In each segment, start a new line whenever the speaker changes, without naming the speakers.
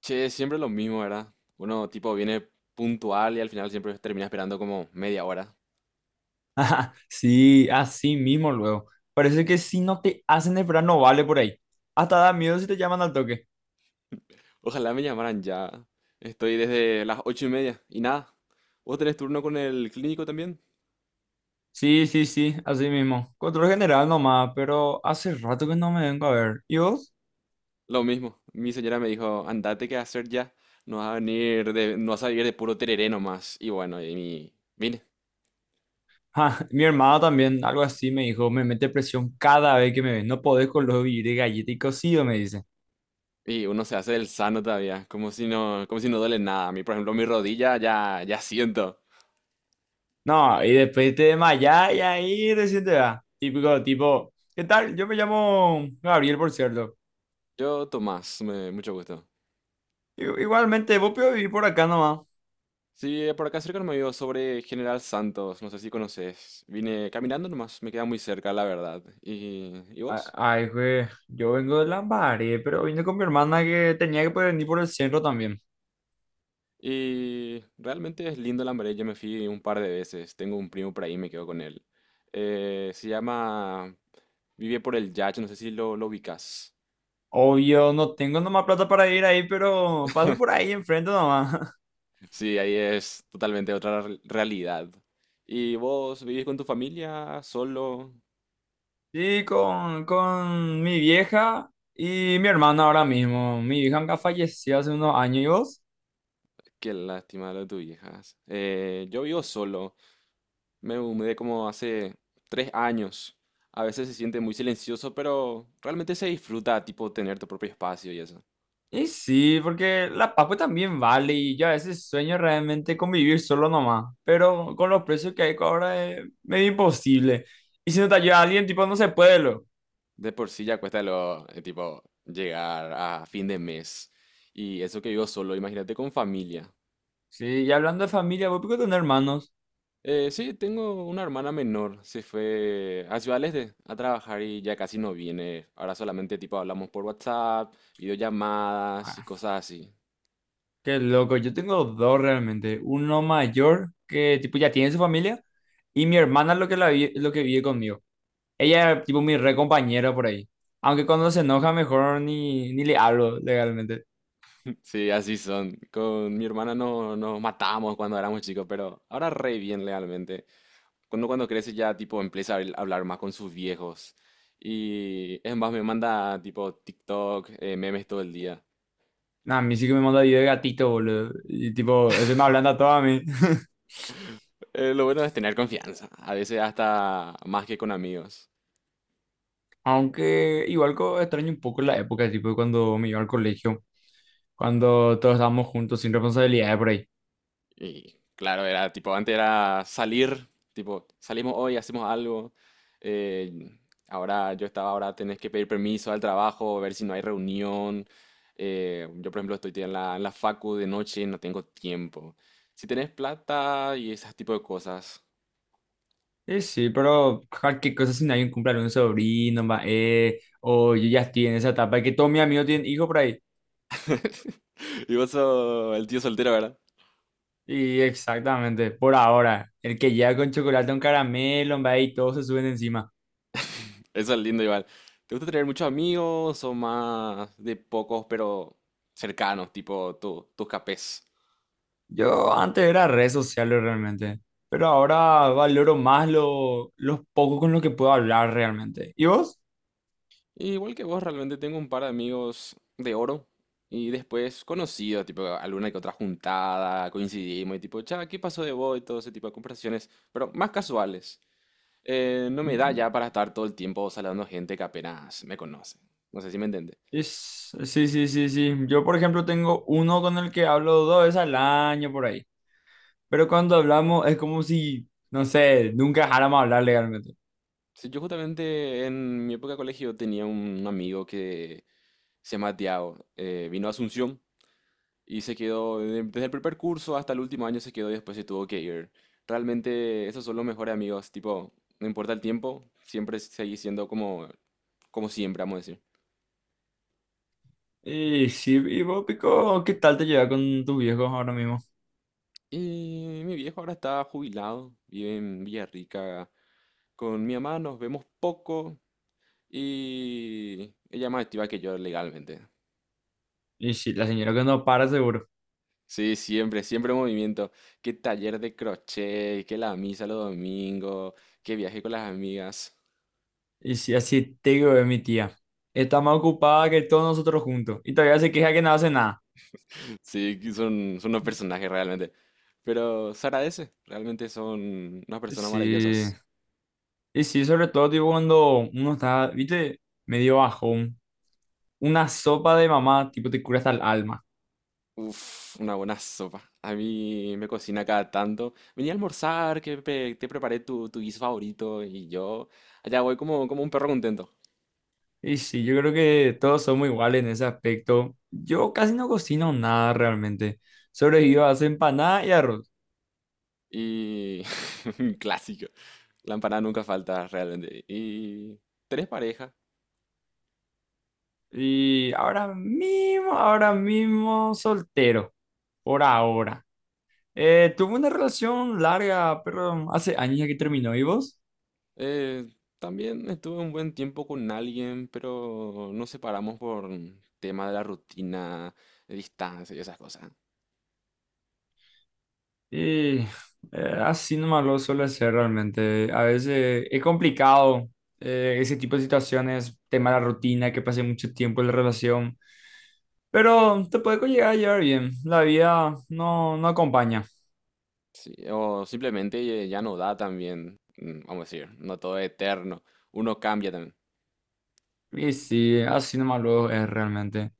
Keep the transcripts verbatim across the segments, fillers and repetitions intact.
Che, siempre lo mismo, ¿verdad? Uno tipo viene puntual y al final siempre termina esperando como media hora.
Ajá, sí, así mismo luego. Parece que si no te hacen esperar no vale por ahí. Hasta da miedo si te llaman al toque.
Ojalá me llamaran ya. Estoy desde las ocho y media y nada. ¿Vos tenés turno con el clínico también?
Sí, sí, sí, así mismo. Control general nomás, pero hace rato que no me vengo a ver. ¿Y vos?
Lo mismo. Mi señora me dijo, andate que hacer ya. No vas a venir de, no vas a vivir de puro tereré nomás. Y bueno, y mi- vine.
Ja, mi hermano también, algo así me dijo, me mete presión cada vez que me ve. No podés con los vivir de galleta y cocido, me dice.
Y uno se hace el sano todavía, como si no, como si no duele nada. A mí, por ejemplo, mi rodilla ya, ya siento.
No, y después te desmayás y ahí recién te da. Típico, tipo, ¿qué tal? Yo me llamo Gabriel, por cierto.
Yo, Tomás, me- mucho gusto.
I- Igualmente, vos podés vivir por acá nomás.
Sí, eh, por acá cerca no me vio sobre General Santos, no sé si conoces. Vine caminando nomás, me queda muy cerca, la verdad. ¿Y, y
a-
vos?
Ay, güey, yo vengo de Lambaré, pero vine con mi hermana que tenía que poder venir por el centro también.
Y realmente es lindo Lambaré, yo me fui un par de veces, tengo un primo por ahí, me quedo con él. Eh, se llama... Vive por el Yacht, no sé si lo, lo ubicas.
Obvio, no tengo nomás plata para ir ahí, pero paso por ahí enfrente nomás.
Sí, ahí es totalmente otra re- realidad. ¿Y vos vivís con tu familia solo?
Sí, con, con mi vieja y mi hermana ahora mismo. Mi vieja nunca falleció hace unos años y vos.
Qué lástima lo de tus hijas. Eh, yo vivo solo. Me mudé como hace tres años. A veces se siente muy silencioso, pero realmente se disfruta, tipo, tener tu propio espacio y eso.
Y sí, porque la Paco también vale y yo a veces sueño realmente con vivir solo nomás, pero con los precios que hay ahora es medio imposible. Y si no te ayuda alguien, tipo, no se puede.
De por sí ya cuesta lo, eh, tipo, llegar a fin de mes. Y eso que vivo solo, imagínate con familia.
Sí, y hablando de familia, ¿vos podés tener hermanos?
Eh, sí, tengo una hermana menor. Se fue a Ciudad del Este a trabajar y ya casi no viene. Ahora solamente, tipo, hablamos por WhatsApp, videollamadas y
Ah,
cosas así.
qué loco, yo tengo dos realmente. Uno mayor que tipo ya tiene su familia y mi hermana es lo que, la vi- lo que vive conmigo. Ella es tipo mi re compañera por ahí. Aunque cuando se enoja mejor ni, ni le hablo legalmente.
Sí, así son. Con mi hermana no, nos matábamos cuando éramos chicos, pero ahora re bien realmente. Cuando cuando crece ya tipo empieza a habl- hablar más con sus viejos. Y es más, me manda tipo TikTok, eh, memes todo el día.
Nah, a mí sí que me manda video de gatito, boludo. Y tipo, eso me hablando a todo a mí.
Eh, lo bueno es tener confianza, a veces hasta más que con amigos.
Aunque igual co- extraño un poco la época, tipo cuando me iba al colegio, cuando todos estábamos juntos sin responsabilidades por ahí.
Y claro, era tipo, antes era salir, tipo, salimos hoy, hacemos algo. eh, Ahora yo estaba, ahora tenés que pedir permiso al trabajo, ver si no hay reunión. Eh, yo, por ejemplo, estoy en la, en la facu de noche, no tengo tiempo. Si tenés plata y ese tipo de cosas.
Eh, sí, pero cualquier cosa si nadie cumple un sobrino, va, eh, o yo ya estoy en esa etapa que todos mis amigos tienen hijos por ahí.
Y vos sos el tío soltero, ¿verdad?
Y exactamente, por ahora, el que llega con chocolate, un caramelo, va, y todos se suben encima.
Eso es lindo igual. ¿Te gusta tener muchos amigos o más de pocos pero cercanos, tipo tu- tus capés?
Yo antes era redes sociales realmente, pero ahora valoro más lo, los pocos con los que puedo hablar realmente. ¿Y vos?
Y igual que vos, realmente tengo un par de amigos de oro y después conocidos, tipo alguna que otra juntada, coincidimos y tipo, cha, ¿qué pasó de vos? Y todo ese tipo de conversaciones, pero más casuales. Eh, no me da
Mm.
ya para estar todo el tiempo saludando gente que apenas me conoce. No sé si me entiende.
Es, sí, sí, sí, sí. Yo, por ejemplo, tengo uno con el que hablo dos veces al año por ahí. Pero cuando hablamos es como si, no sé, nunca dejáramos hablar legalmente.
Sí, yo justamente en mi época de colegio tenía un amigo que se llama Tiago, eh, vino a Asunción y se quedó, de- desde el primer curso hasta el último año se quedó y después se tuvo que ir. Realmente esos son los mejores amigos, tipo, no importa el tiempo, siempre seguís siendo como, como siempre, vamos a decir.
Y sí, y vos, Pico, ¿qué tal te llevas con tus viejos ahora mismo?
Y mi viejo ahora está jubilado, vive en Villarrica. Con mi mamá nos vemos poco y ella es más activa que yo legalmente.
Y sí, la señora que no para seguro.
Sí, siempre, siempre movimiento. Qué taller de crochet, qué la misa los domingos, qué viaje con las amigas.
Y sí, así te digo de mi tía. Está más ocupada que todos nosotros juntos. Y todavía se queja que no hace nada.
Sí, que son, son unos personajes realmente. Pero se agradece, realmente son unas personas
Sí.
maravillosas.
Y sí, sobre todo, tipo, cuando uno está, viste, medio bajón. Una sopa de mamá, tipo, te cura hasta el alma.
Uf, una buena sopa. A mí me cocina cada tanto. Vení a almorzar, que pe- te preparé tu, tu guiso favorito y yo allá voy como, como un perro contento.
Y sí, yo creo que todos somos iguales en ese aspecto. Yo casi no cocino nada realmente. Sobrevivo a hacer empanada y arroz.
Y un clásico. La empanada nunca falta realmente. ¿Y tenés pareja?
Y ahora mismo, ahora mismo soltero. Por ahora. Eh, tuve una relación larga, pero hace años ya que terminó. ¿Y vos?
Eh, también estuve un buen tiempo con alguien, pero nos separamos por tema de la rutina, de distancia y esas cosas.
Y eh, Así nomás lo suele ser realmente. A veces es complicado eh, ese tipo de situaciones, tema de la rutina, que pasé mucho tiempo en la relación. Pero te puede llegar a llevar bien. La vida no, no acompaña.
Sí, o simplemente ya no da también, mm, vamos a decir, no todo es eterno, uno cambia también.
Y sí, así nomás luego es realmente.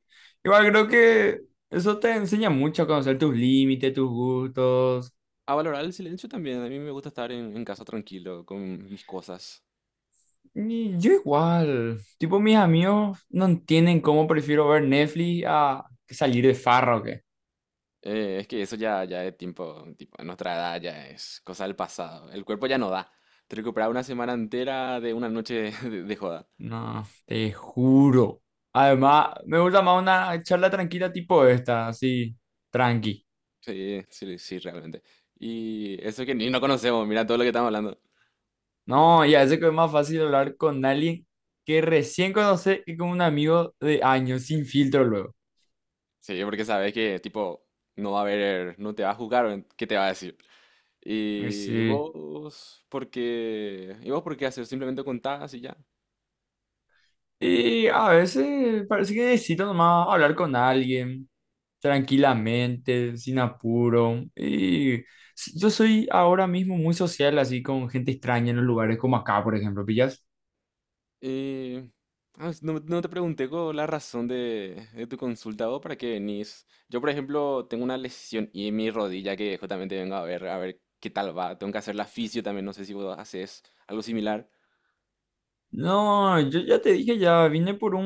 Igual creo que eso te enseña mucho a conocer tus límites, tus gustos.
A valorar el silencio también, a mí me gusta estar en, en casa tranquilo, con mis cosas.
Y yo igual. Tipo, mis amigos no entienden cómo prefiero ver Netflix a que salir de farra o qué.
Eh, es que eso ya, ya es tiempo, tipo, a nuestra edad ya es cosa del pasado, el cuerpo ya no da. Te recuperar una semana entera de una noche de de joda.
No, te juro. Además, me gusta más una charla tranquila tipo esta, así, tranqui.
Sí, sí, sí, realmente. Y eso que ni no conocemos, mira todo lo que estamos hablando.
No, ya sé que es más fácil hablar con alguien que recién conoce que con un amigo de años, sin filtro luego.
Sí, porque sabes que, tipo, no va a haber, no te va a juzgar, o ¿qué te va a decir?
Y
Y
sí.
vos, ¿por qué? Y vos, ¿por qué haces? Simplemente contás y ya.
Y a veces parece que necesito nomás hablar con alguien tranquilamente, sin apuro. Y s- yo soy ahora mismo muy social, así con gente extraña en los lugares como acá, por ejemplo, ¿pillas?
Y ah, s- no, no te pregunté con la razón de, de tu consulta, vos, ¿para qué venís? Yo, por ejemplo, tengo una lesión y en mi rodilla que justamente vengo a ver, a ver qué tal va. Tengo que hacer la fisio también, no sé si vos haces algo similar.
No, yo ya te dije, ya vine por un-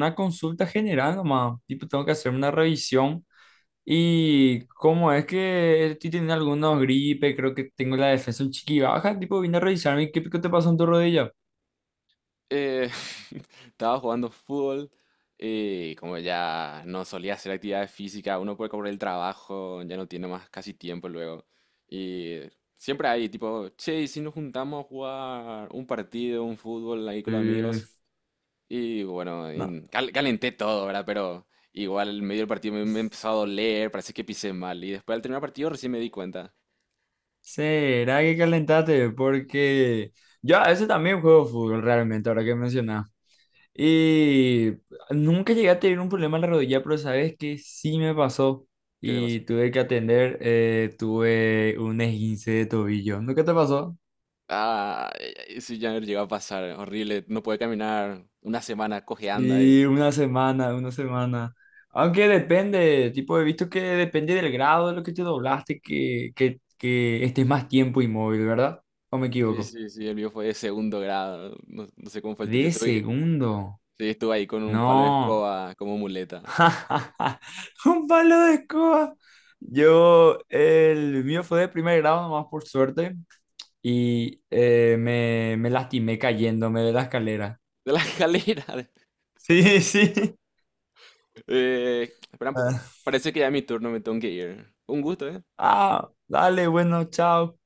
una consulta general nomás. Tipo, tengo que hacer una revisión. Y cómo es que estoy teniendo algunos gripes, creo que tengo la defensa un chiqui baja, tipo vine a revisarme. ¿Qué pico te pasó en tu rodilla?
Eh, estaba jugando fútbol y como ya no solía hacer actividad física, uno puede cobrar el trabajo, ya no tiene más casi tiempo luego. Y siempre hay tipo, che, ¿y si nos juntamos a jugar un partido, un fútbol ahí con los
Eh,
amigos? Y bueno,
no.
en- cal- calenté todo, ¿verdad? Pero igual en medio del partido me, me empezó a doler, parece que pisé mal. Y después al terminar el partido recién me di cuenta.
¿Será que calentaste? Porque yo a veces también juego fútbol realmente, ahora que mencionas. Y nunca llegué a tener un problema en la rodilla, pero sabes que sí me pasó
¿Qué te
y
pasó?
tuve que atender, eh, tuve un esguince de tobillo. ¿Nunca te pasó?
Ah, eh, eh, sí, ya no llegó a pasar, horrible, no puede caminar, una semana cojeando.
Y una semana, una semana. Aunque depende, tipo, he visto que depende del grado de lo que te doblaste, que, que, que estés más tiempo inmóvil, ¿verdad? ¿O me
Sí,
equivoco?
sí, sí, el mío fue de segundo grado, no, no sé cómo fue el tuyo.
De
Tuve que-
segundo.
sí, estuve ahí con un palo de
No.
escoba como muleta
Un palo de escoba. Yo, el mío fue de primer grado, nomás por suerte, y eh, me, me lastimé cayéndome de la escalera.
de la escalera.
Sí, sí.
Eh, espera un poco. Parece que ya es mi turno, me tengo que ir. Un gusto, ¿eh?
Ah, dale, bueno, chao.